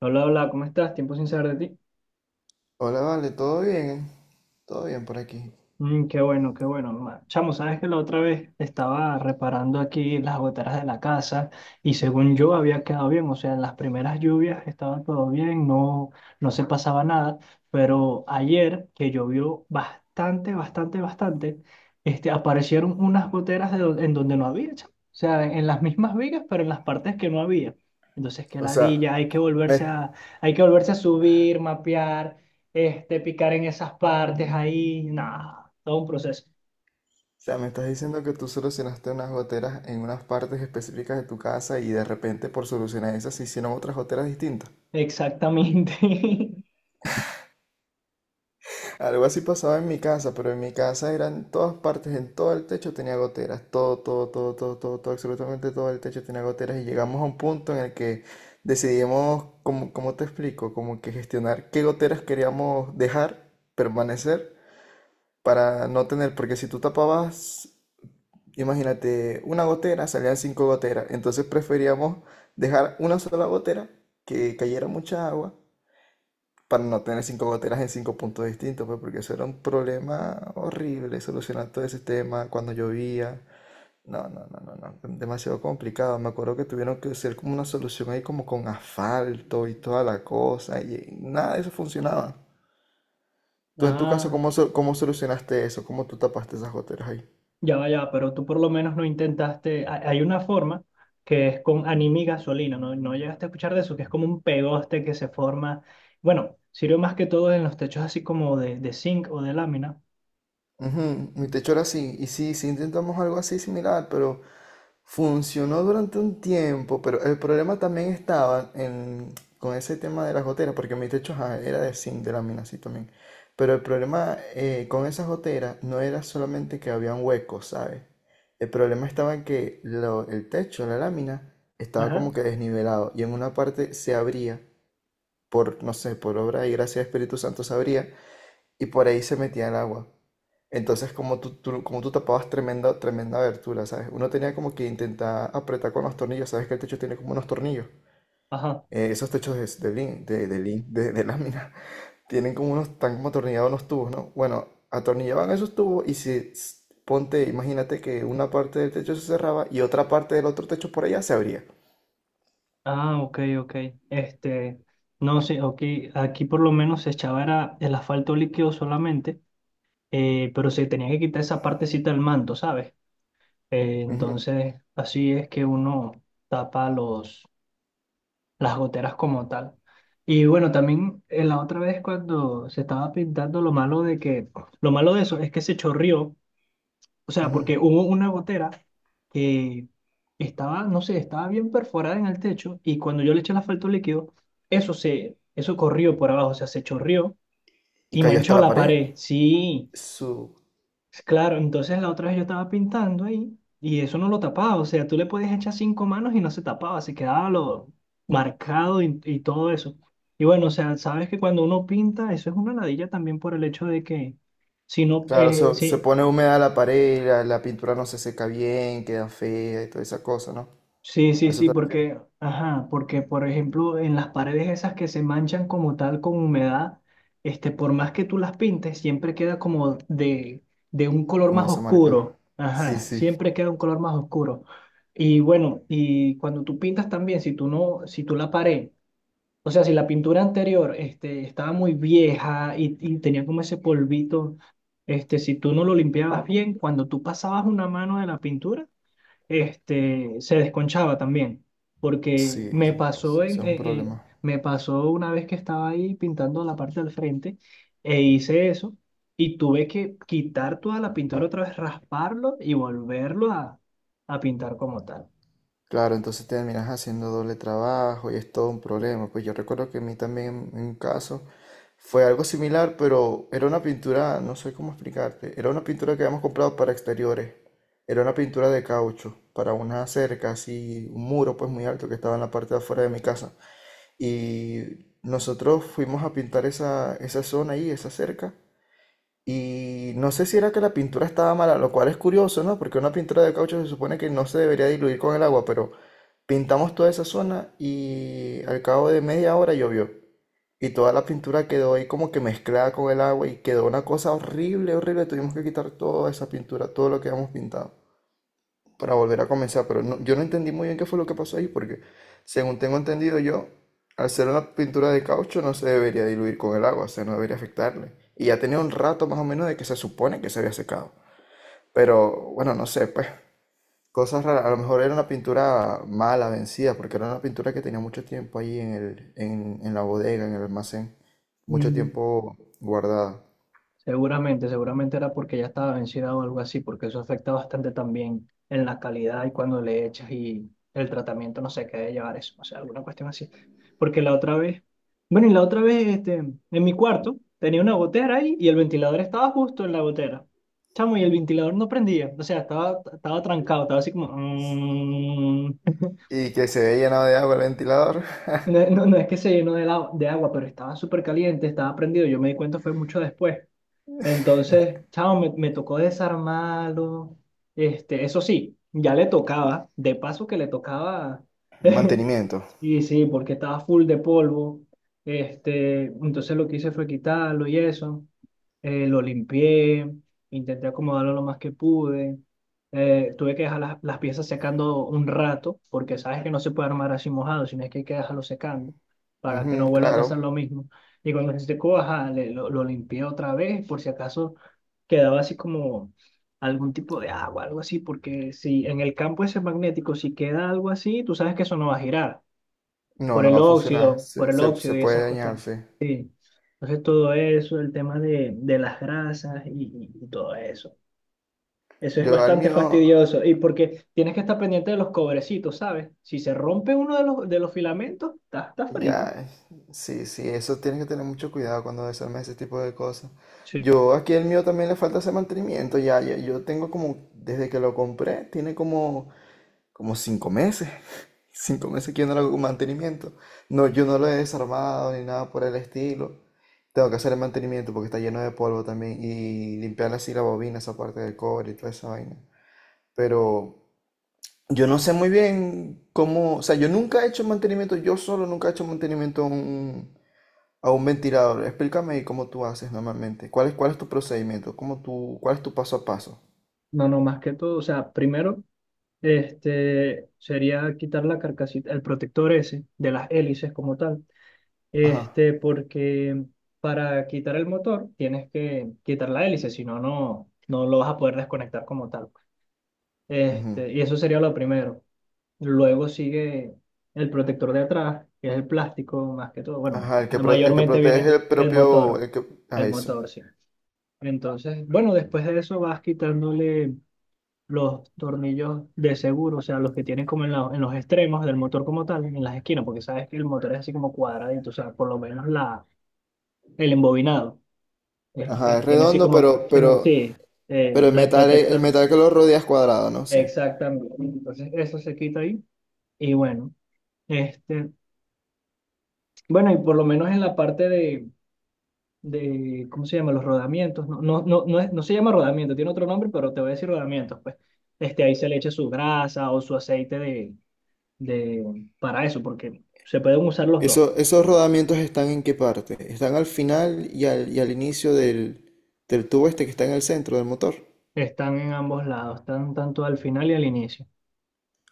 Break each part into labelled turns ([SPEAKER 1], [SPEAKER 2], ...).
[SPEAKER 1] Hola, hola, ¿cómo estás? Tiempo sin saber de ti.
[SPEAKER 2] Hola, vale, todo bien por aquí.
[SPEAKER 1] Mm, qué bueno, qué bueno. Chamo, sabes que la otra vez estaba reparando aquí las goteras de la casa y según yo había quedado bien, o sea, en las primeras lluvias estaba todo bien, no, no se pasaba nada, pero ayer que llovió bastante, bastante, bastante, aparecieron unas goteras en donde no había, chamo. O sea, en las mismas vigas, pero en las partes que no había. Entonces, qué
[SPEAKER 2] O sea,
[SPEAKER 1] ladilla,
[SPEAKER 2] me, o
[SPEAKER 1] hay que volverse a subir, mapear, picar en esas partes ahí, nada. Todo un proceso.
[SPEAKER 2] sea, me estás diciendo que tú solucionaste unas goteras en unas partes específicas de tu casa y de repente por solucionar esas se hicieron otras goteras distintas.
[SPEAKER 1] Exactamente.
[SPEAKER 2] Algo así pasaba en mi casa, pero en mi casa eran todas partes, en todo el techo tenía goteras, todo, todo, todo, todo, todo, todo, absolutamente todo el techo tenía goteras y llegamos a un punto en el que decidimos, como, ¿cómo te explico? Como que gestionar qué goteras queríamos dejar permanecer para no tener, porque si tú tapabas, imagínate, una gotera, salían cinco goteras, entonces preferíamos dejar una sola gotera que cayera mucha agua para no tener cinco goteras en cinco puntos distintos, pues porque eso era un problema horrible, solucionar todo ese tema cuando llovía. No, no, no, no, no, demasiado complicado. Me acuerdo que tuvieron que hacer como una solución ahí como con asfalto y toda la cosa y nada de eso funcionaba. Tú en tu caso,
[SPEAKER 1] Ah,
[SPEAKER 2] ¿ cómo solucionaste eso? ¿Cómo tú tapaste esas goteras ahí?
[SPEAKER 1] ya va, pero tú por lo menos no intentaste. Hay una forma que es con anime y gasolina, ¿no? No llegaste a escuchar de eso, que es como un pegoste que se forma. Bueno, sirve más que todo en los techos así como de zinc o de lámina.
[SPEAKER 2] Ujú. Mi techo era así, y sí, sí intentamos algo así similar, pero funcionó durante un tiempo, pero el problema también estaba con ese tema de las goteras, porque mi techo ajá, era de zinc, de lámina así también, pero el problema con esas goteras no era solamente que habían huecos, ¿sabes? El problema estaba en que el techo, la lámina, estaba como
[SPEAKER 1] Ajá.
[SPEAKER 2] que desnivelado, y en una parte se abría, por, no sé, por obra y gracia del Espíritu Santo se abría, y por ahí se metía el agua. Entonces, como como tú tapabas tremenda, tremenda abertura, ¿sabes? Uno tenía como que intentar apretar con los tornillos, ¿sabes? Que el techo tiene como unos tornillos.
[SPEAKER 1] Ajá.
[SPEAKER 2] Esos techos de lámina tienen como unos, están como atornillados unos tubos, ¿no? Bueno, atornillaban esos tubos y si, s- ponte, imagínate que una parte del techo se cerraba y otra parte del otro techo por allá se abría.
[SPEAKER 1] Ah, ok, ok. Este, no sé, ok. Aquí por lo menos se echaba era el asfalto líquido solamente, pero se tenía que quitar esa partecita del manto, ¿sabes?
[SPEAKER 2] Ujú,
[SPEAKER 1] Entonces, así es que uno tapa los, las goteras como tal. Y bueno, también la otra vez cuando se estaba pintando, lo malo de eso es que se chorrió, o sea,
[SPEAKER 2] ujú.
[SPEAKER 1] porque hubo una gotera que no sé, estaba bien perforada en el techo y cuando yo le eché el asfalto líquido, eso corrió por abajo, o sea, se chorrió
[SPEAKER 2] Y
[SPEAKER 1] y
[SPEAKER 2] cayó hasta
[SPEAKER 1] manchó
[SPEAKER 2] la
[SPEAKER 1] la
[SPEAKER 2] pared.
[SPEAKER 1] pared. Sí.
[SPEAKER 2] Su,
[SPEAKER 1] Claro, entonces la otra vez yo estaba pintando ahí y eso no lo tapaba, o sea, tú le podías echar cinco manos y no se tapaba, se quedaba lo marcado y todo eso. Y bueno, o sea, sabes que cuando uno pinta, eso es una ladilla también por el hecho de que si no,
[SPEAKER 2] claro, se, se
[SPEAKER 1] si
[SPEAKER 2] pone húmeda la pared, la pintura no se seca bien, queda fea y toda esa cosa, ¿no?
[SPEAKER 1] Sí,
[SPEAKER 2] ¿A
[SPEAKER 1] sí,
[SPEAKER 2] eso
[SPEAKER 1] sí,
[SPEAKER 2] te refieres?
[SPEAKER 1] porque, ajá, porque por ejemplo en las paredes esas que se manchan como tal con humedad, por más que tú las pintes, siempre queda de un color
[SPEAKER 2] Como
[SPEAKER 1] más
[SPEAKER 2] esa marca.
[SPEAKER 1] oscuro,
[SPEAKER 2] Sí,
[SPEAKER 1] ajá,
[SPEAKER 2] sí.
[SPEAKER 1] siempre queda un color más oscuro. Y bueno, y cuando tú pintas también, si tú la pared, o sea, si la pintura anterior, estaba muy vieja y tenía como ese polvito, si tú no lo limpiabas bien, cuando tú pasabas una mano de la pintura se desconchaba también, porque
[SPEAKER 2] Sí,
[SPEAKER 1] me pasó,
[SPEAKER 2] sí, eso es un problema.
[SPEAKER 1] me pasó una vez que estaba ahí pintando la parte del frente e hice eso y tuve que quitar toda la pintura otra vez, rasparlo a pintar como tal.
[SPEAKER 2] Claro, entonces terminas haciendo doble trabajo y es todo un problema. Pues yo recuerdo que a mí también en un caso fue algo similar, pero era una pintura, no sé cómo explicarte, era una pintura que habíamos comprado para exteriores. Era una pintura de caucho para una cerca, así, un muro pues muy alto que estaba en la parte de afuera de mi casa. Y nosotros fuimos a pintar esa zona ahí, esa cerca. Y no sé si era que la pintura estaba mala, lo cual es curioso, ¿no? Porque una pintura de caucho se supone que no se debería diluir con el agua, pero pintamos toda esa zona y al cabo de media hora llovió. Y toda la pintura quedó ahí como que mezclada con el agua y quedó una cosa horrible, horrible. Tuvimos que quitar toda esa pintura, todo lo que habíamos pintado para volver a comenzar, pero yo no entendí muy bien qué fue lo que pasó ahí, porque según tengo entendido yo, al ser una pintura de caucho no se debería diluir con el agua, o sea, no debería afectarle. Y ya tenía un rato más o menos de que se supone que se había secado. Pero bueno, no sé, pues cosas raras. A lo mejor era una pintura mala, vencida, porque era una pintura que tenía mucho tiempo ahí en en la bodega, en el almacén, mucho
[SPEAKER 1] Mm.
[SPEAKER 2] tiempo guardada.
[SPEAKER 1] Seguramente, seguramente era porque ya estaba vencida o algo así, porque eso afecta bastante también en la calidad y cuando le echas y el tratamiento, no sé qué debe llevar eso, o sea, alguna cuestión así. Porque la otra vez, bueno, y la otra vez, en mi cuarto tenía una gotera ahí y el ventilador estaba justo en la gotera. Chamo, y el ventilador no prendía, o sea, estaba trancado, estaba así como... mm.
[SPEAKER 2] Y que se veía llenado de agua el ventilador.
[SPEAKER 1] No, no, no es que se llenó de agua, pero estaba súper caliente, estaba prendido, yo me di cuenta fue mucho después. Entonces, chao, me tocó desarmarlo. Eso sí, ya le tocaba, de paso que le tocaba,
[SPEAKER 2] Mantenimiento.
[SPEAKER 1] sí sí, porque estaba full de polvo. Este, entonces lo que hice fue quitarlo y eso lo limpié, intenté acomodarlo lo más que pude. Tuve que dejar las piezas secando un rato, porque sabes que no se puede armar así mojado, sino es que hay que dejarlo secando para que no
[SPEAKER 2] Ujú,
[SPEAKER 1] vuelva a pasar
[SPEAKER 2] claro.
[SPEAKER 1] lo mismo. Y cuando se secó, ajá, lo limpié otra vez, por si acaso quedaba así como algún tipo de agua, algo así, porque si en el campo ese magnético, si queda algo así, tú sabes que eso no va a girar
[SPEAKER 2] No, no va a funcionar.
[SPEAKER 1] por
[SPEAKER 2] Se,
[SPEAKER 1] el
[SPEAKER 2] se,
[SPEAKER 1] óxido
[SPEAKER 2] se
[SPEAKER 1] y
[SPEAKER 2] puede
[SPEAKER 1] esas
[SPEAKER 2] dañar,
[SPEAKER 1] cuestiones.
[SPEAKER 2] sí.
[SPEAKER 1] Entonces todo eso, el tema de las grasas y todo eso. Eso es
[SPEAKER 2] Yo al
[SPEAKER 1] bastante
[SPEAKER 2] mío,
[SPEAKER 1] fastidioso y porque tienes que estar pendiente de los cobrecitos, ¿sabes? Si se rompe uno de los filamentos, está frito.
[SPEAKER 2] ya, sí, sí, eso tienes que tener mucho cuidado cuando desarmes ese tipo de cosas. Yo aquí el mío también le falta ese mantenimiento, ya, ya, yo tengo como, desde que lo compré, tiene como, como 5 meses. 5 meses que yo no le hago mantenimiento. No, yo no lo he desarmado ni nada por el estilo. Tengo que hacer el mantenimiento porque está lleno de polvo también y limpiar así la bobina, esa parte del cobre y toda esa vaina. Pero yo no sé muy bien cómo, o sea, yo nunca he hecho mantenimiento, yo solo nunca he hecho mantenimiento a a un ventilador. Explícame ahí cómo tú haces normalmente. Cuál es tu procedimiento? ¿Cómo tú, cuál es tu paso a paso?
[SPEAKER 1] No, no, más que todo, o sea, primero sería quitar la carcasita, el protector ese de las hélices como tal,
[SPEAKER 2] Ajá.
[SPEAKER 1] porque para quitar el motor tienes que quitar la hélice, si no, no lo vas a poder desconectar como tal.
[SPEAKER 2] Ujú.
[SPEAKER 1] Este, y eso sería lo primero. Luego sigue el protector de atrás, que es el plástico más que todo. Bueno,
[SPEAKER 2] Ajá, el que
[SPEAKER 1] mayormente
[SPEAKER 2] protege
[SPEAKER 1] viene
[SPEAKER 2] el propio, el que, ah,
[SPEAKER 1] el
[SPEAKER 2] eso.
[SPEAKER 1] motor, sí. Entonces, bueno, después de eso vas quitándole los tornillos de seguro, o sea, los que tienen como en los extremos del motor como tal, en las esquinas, porque sabes que el motor es así como cuadradito, o sea, por lo menos el embobinado, es
[SPEAKER 2] Ajá, es
[SPEAKER 1] tiene así
[SPEAKER 2] redondo,
[SPEAKER 1] como fue. Sí,
[SPEAKER 2] pero el
[SPEAKER 1] la
[SPEAKER 2] metal, el
[SPEAKER 1] protector,
[SPEAKER 2] metal que lo rodea es cuadrado, ¿no? Sí.
[SPEAKER 1] exactamente. Entonces, eso se quita ahí y bueno. Este, bueno, y por lo menos en la parte de ¿cómo se llama? Los rodamientos. No, no, no, no, no se llama rodamiento, tiene otro nombre, pero te voy a decir rodamientos. Pues ahí se le echa su grasa o su aceite de, para eso, porque se pueden usar los dos.
[SPEAKER 2] Eso, ¿esos rodamientos están en qué parte? Están al final y al inicio del, del tubo este que está en el centro del motor.
[SPEAKER 1] Están en ambos lados, están tanto al final y al inicio.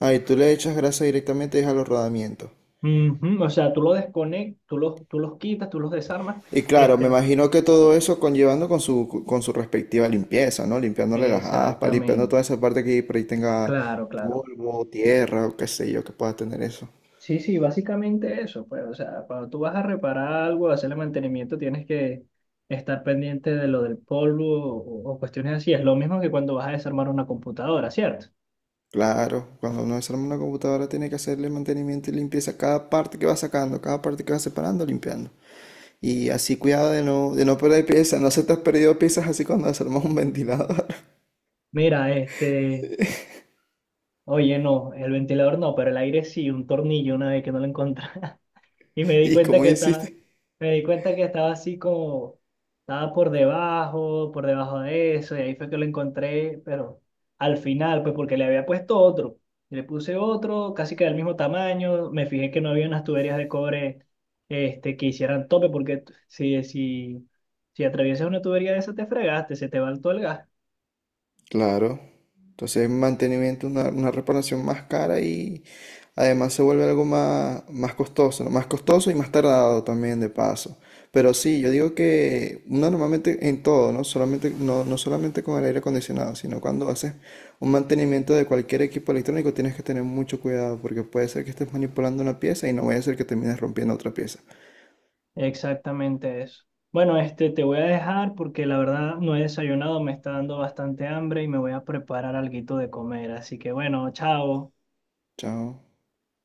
[SPEAKER 2] Ah, ¿y tú le echas grasa directamente es a los rodamientos?
[SPEAKER 1] Ujú. O sea, tú lo desconectas, tú los quitas, tú los desarmas.
[SPEAKER 2] Y claro, me
[SPEAKER 1] Este,
[SPEAKER 2] imagino que todo eso conllevando con su respectiva limpieza, ¿no? Limpiándole las aspas, limpiando toda
[SPEAKER 1] exactamente.
[SPEAKER 2] esa parte que por ahí tenga
[SPEAKER 1] Claro, claro.
[SPEAKER 2] polvo, tierra o qué sé yo, que pueda tener eso.
[SPEAKER 1] Sí, sí, básicamente eso, pues, o sea, cuando tú vas a reparar algo, hacerle mantenimiento, tienes que estar pendiente de lo del polvo o cuestiones así. Es lo mismo que cuando vas a desarmar una computadora, ¿cierto?
[SPEAKER 2] Claro, cuando uno desarma una computadora tiene que hacerle mantenimiento y limpieza a cada parte que va sacando, cada parte que va separando, limpiando. Y así cuidado de de no perder piezas, no se te has perdido piezas así cuando desarmas un ventilador.
[SPEAKER 1] Mira, este, oye, no, el ventilador no, pero el aire sí, un tornillo una vez que no lo encontré. Y
[SPEAKER 2] ¿Y cómo hiciste?
[SPEAKER 1] me di cuenta que estaba así como, estaba por debajo de eso, y ahí fue que lo encontré, pero al final, pues porque le había puesto otro, y le puse otro, casi que del mismo tamaño, me fijé que no había unas tuberías de cobre que hicieran tope, porque si, si atraviesas una tubería de esa te fregaste, se te va todo el gas.
[SPEAKER 2] Claro. Entonces, mantenimiento, una reparación más cara y además se vuelve algo más, más costoso, ¿no? Más costoso y más tardado también de paso. Pero sí, yo digo que uno normalmente en todo, ¿no? Solamente, no, no solamente con el aire acondicionado, sino cuando haces un mantenimiento de cualquier equipo electrónico tienes que tener mucho cuidado porque puede ser que estés manipulando una pieza y no vaya a ser que termines rompiendo otra pieza.
[SPEAKER 1] Exactamente eso. Bueno, este te voy a dejar porque la verdad no he desayunado, me está dando bastante hambre y me voy a preparar alguito de comer. Así que bueno, chao.
[SPEAKER 2] Chao.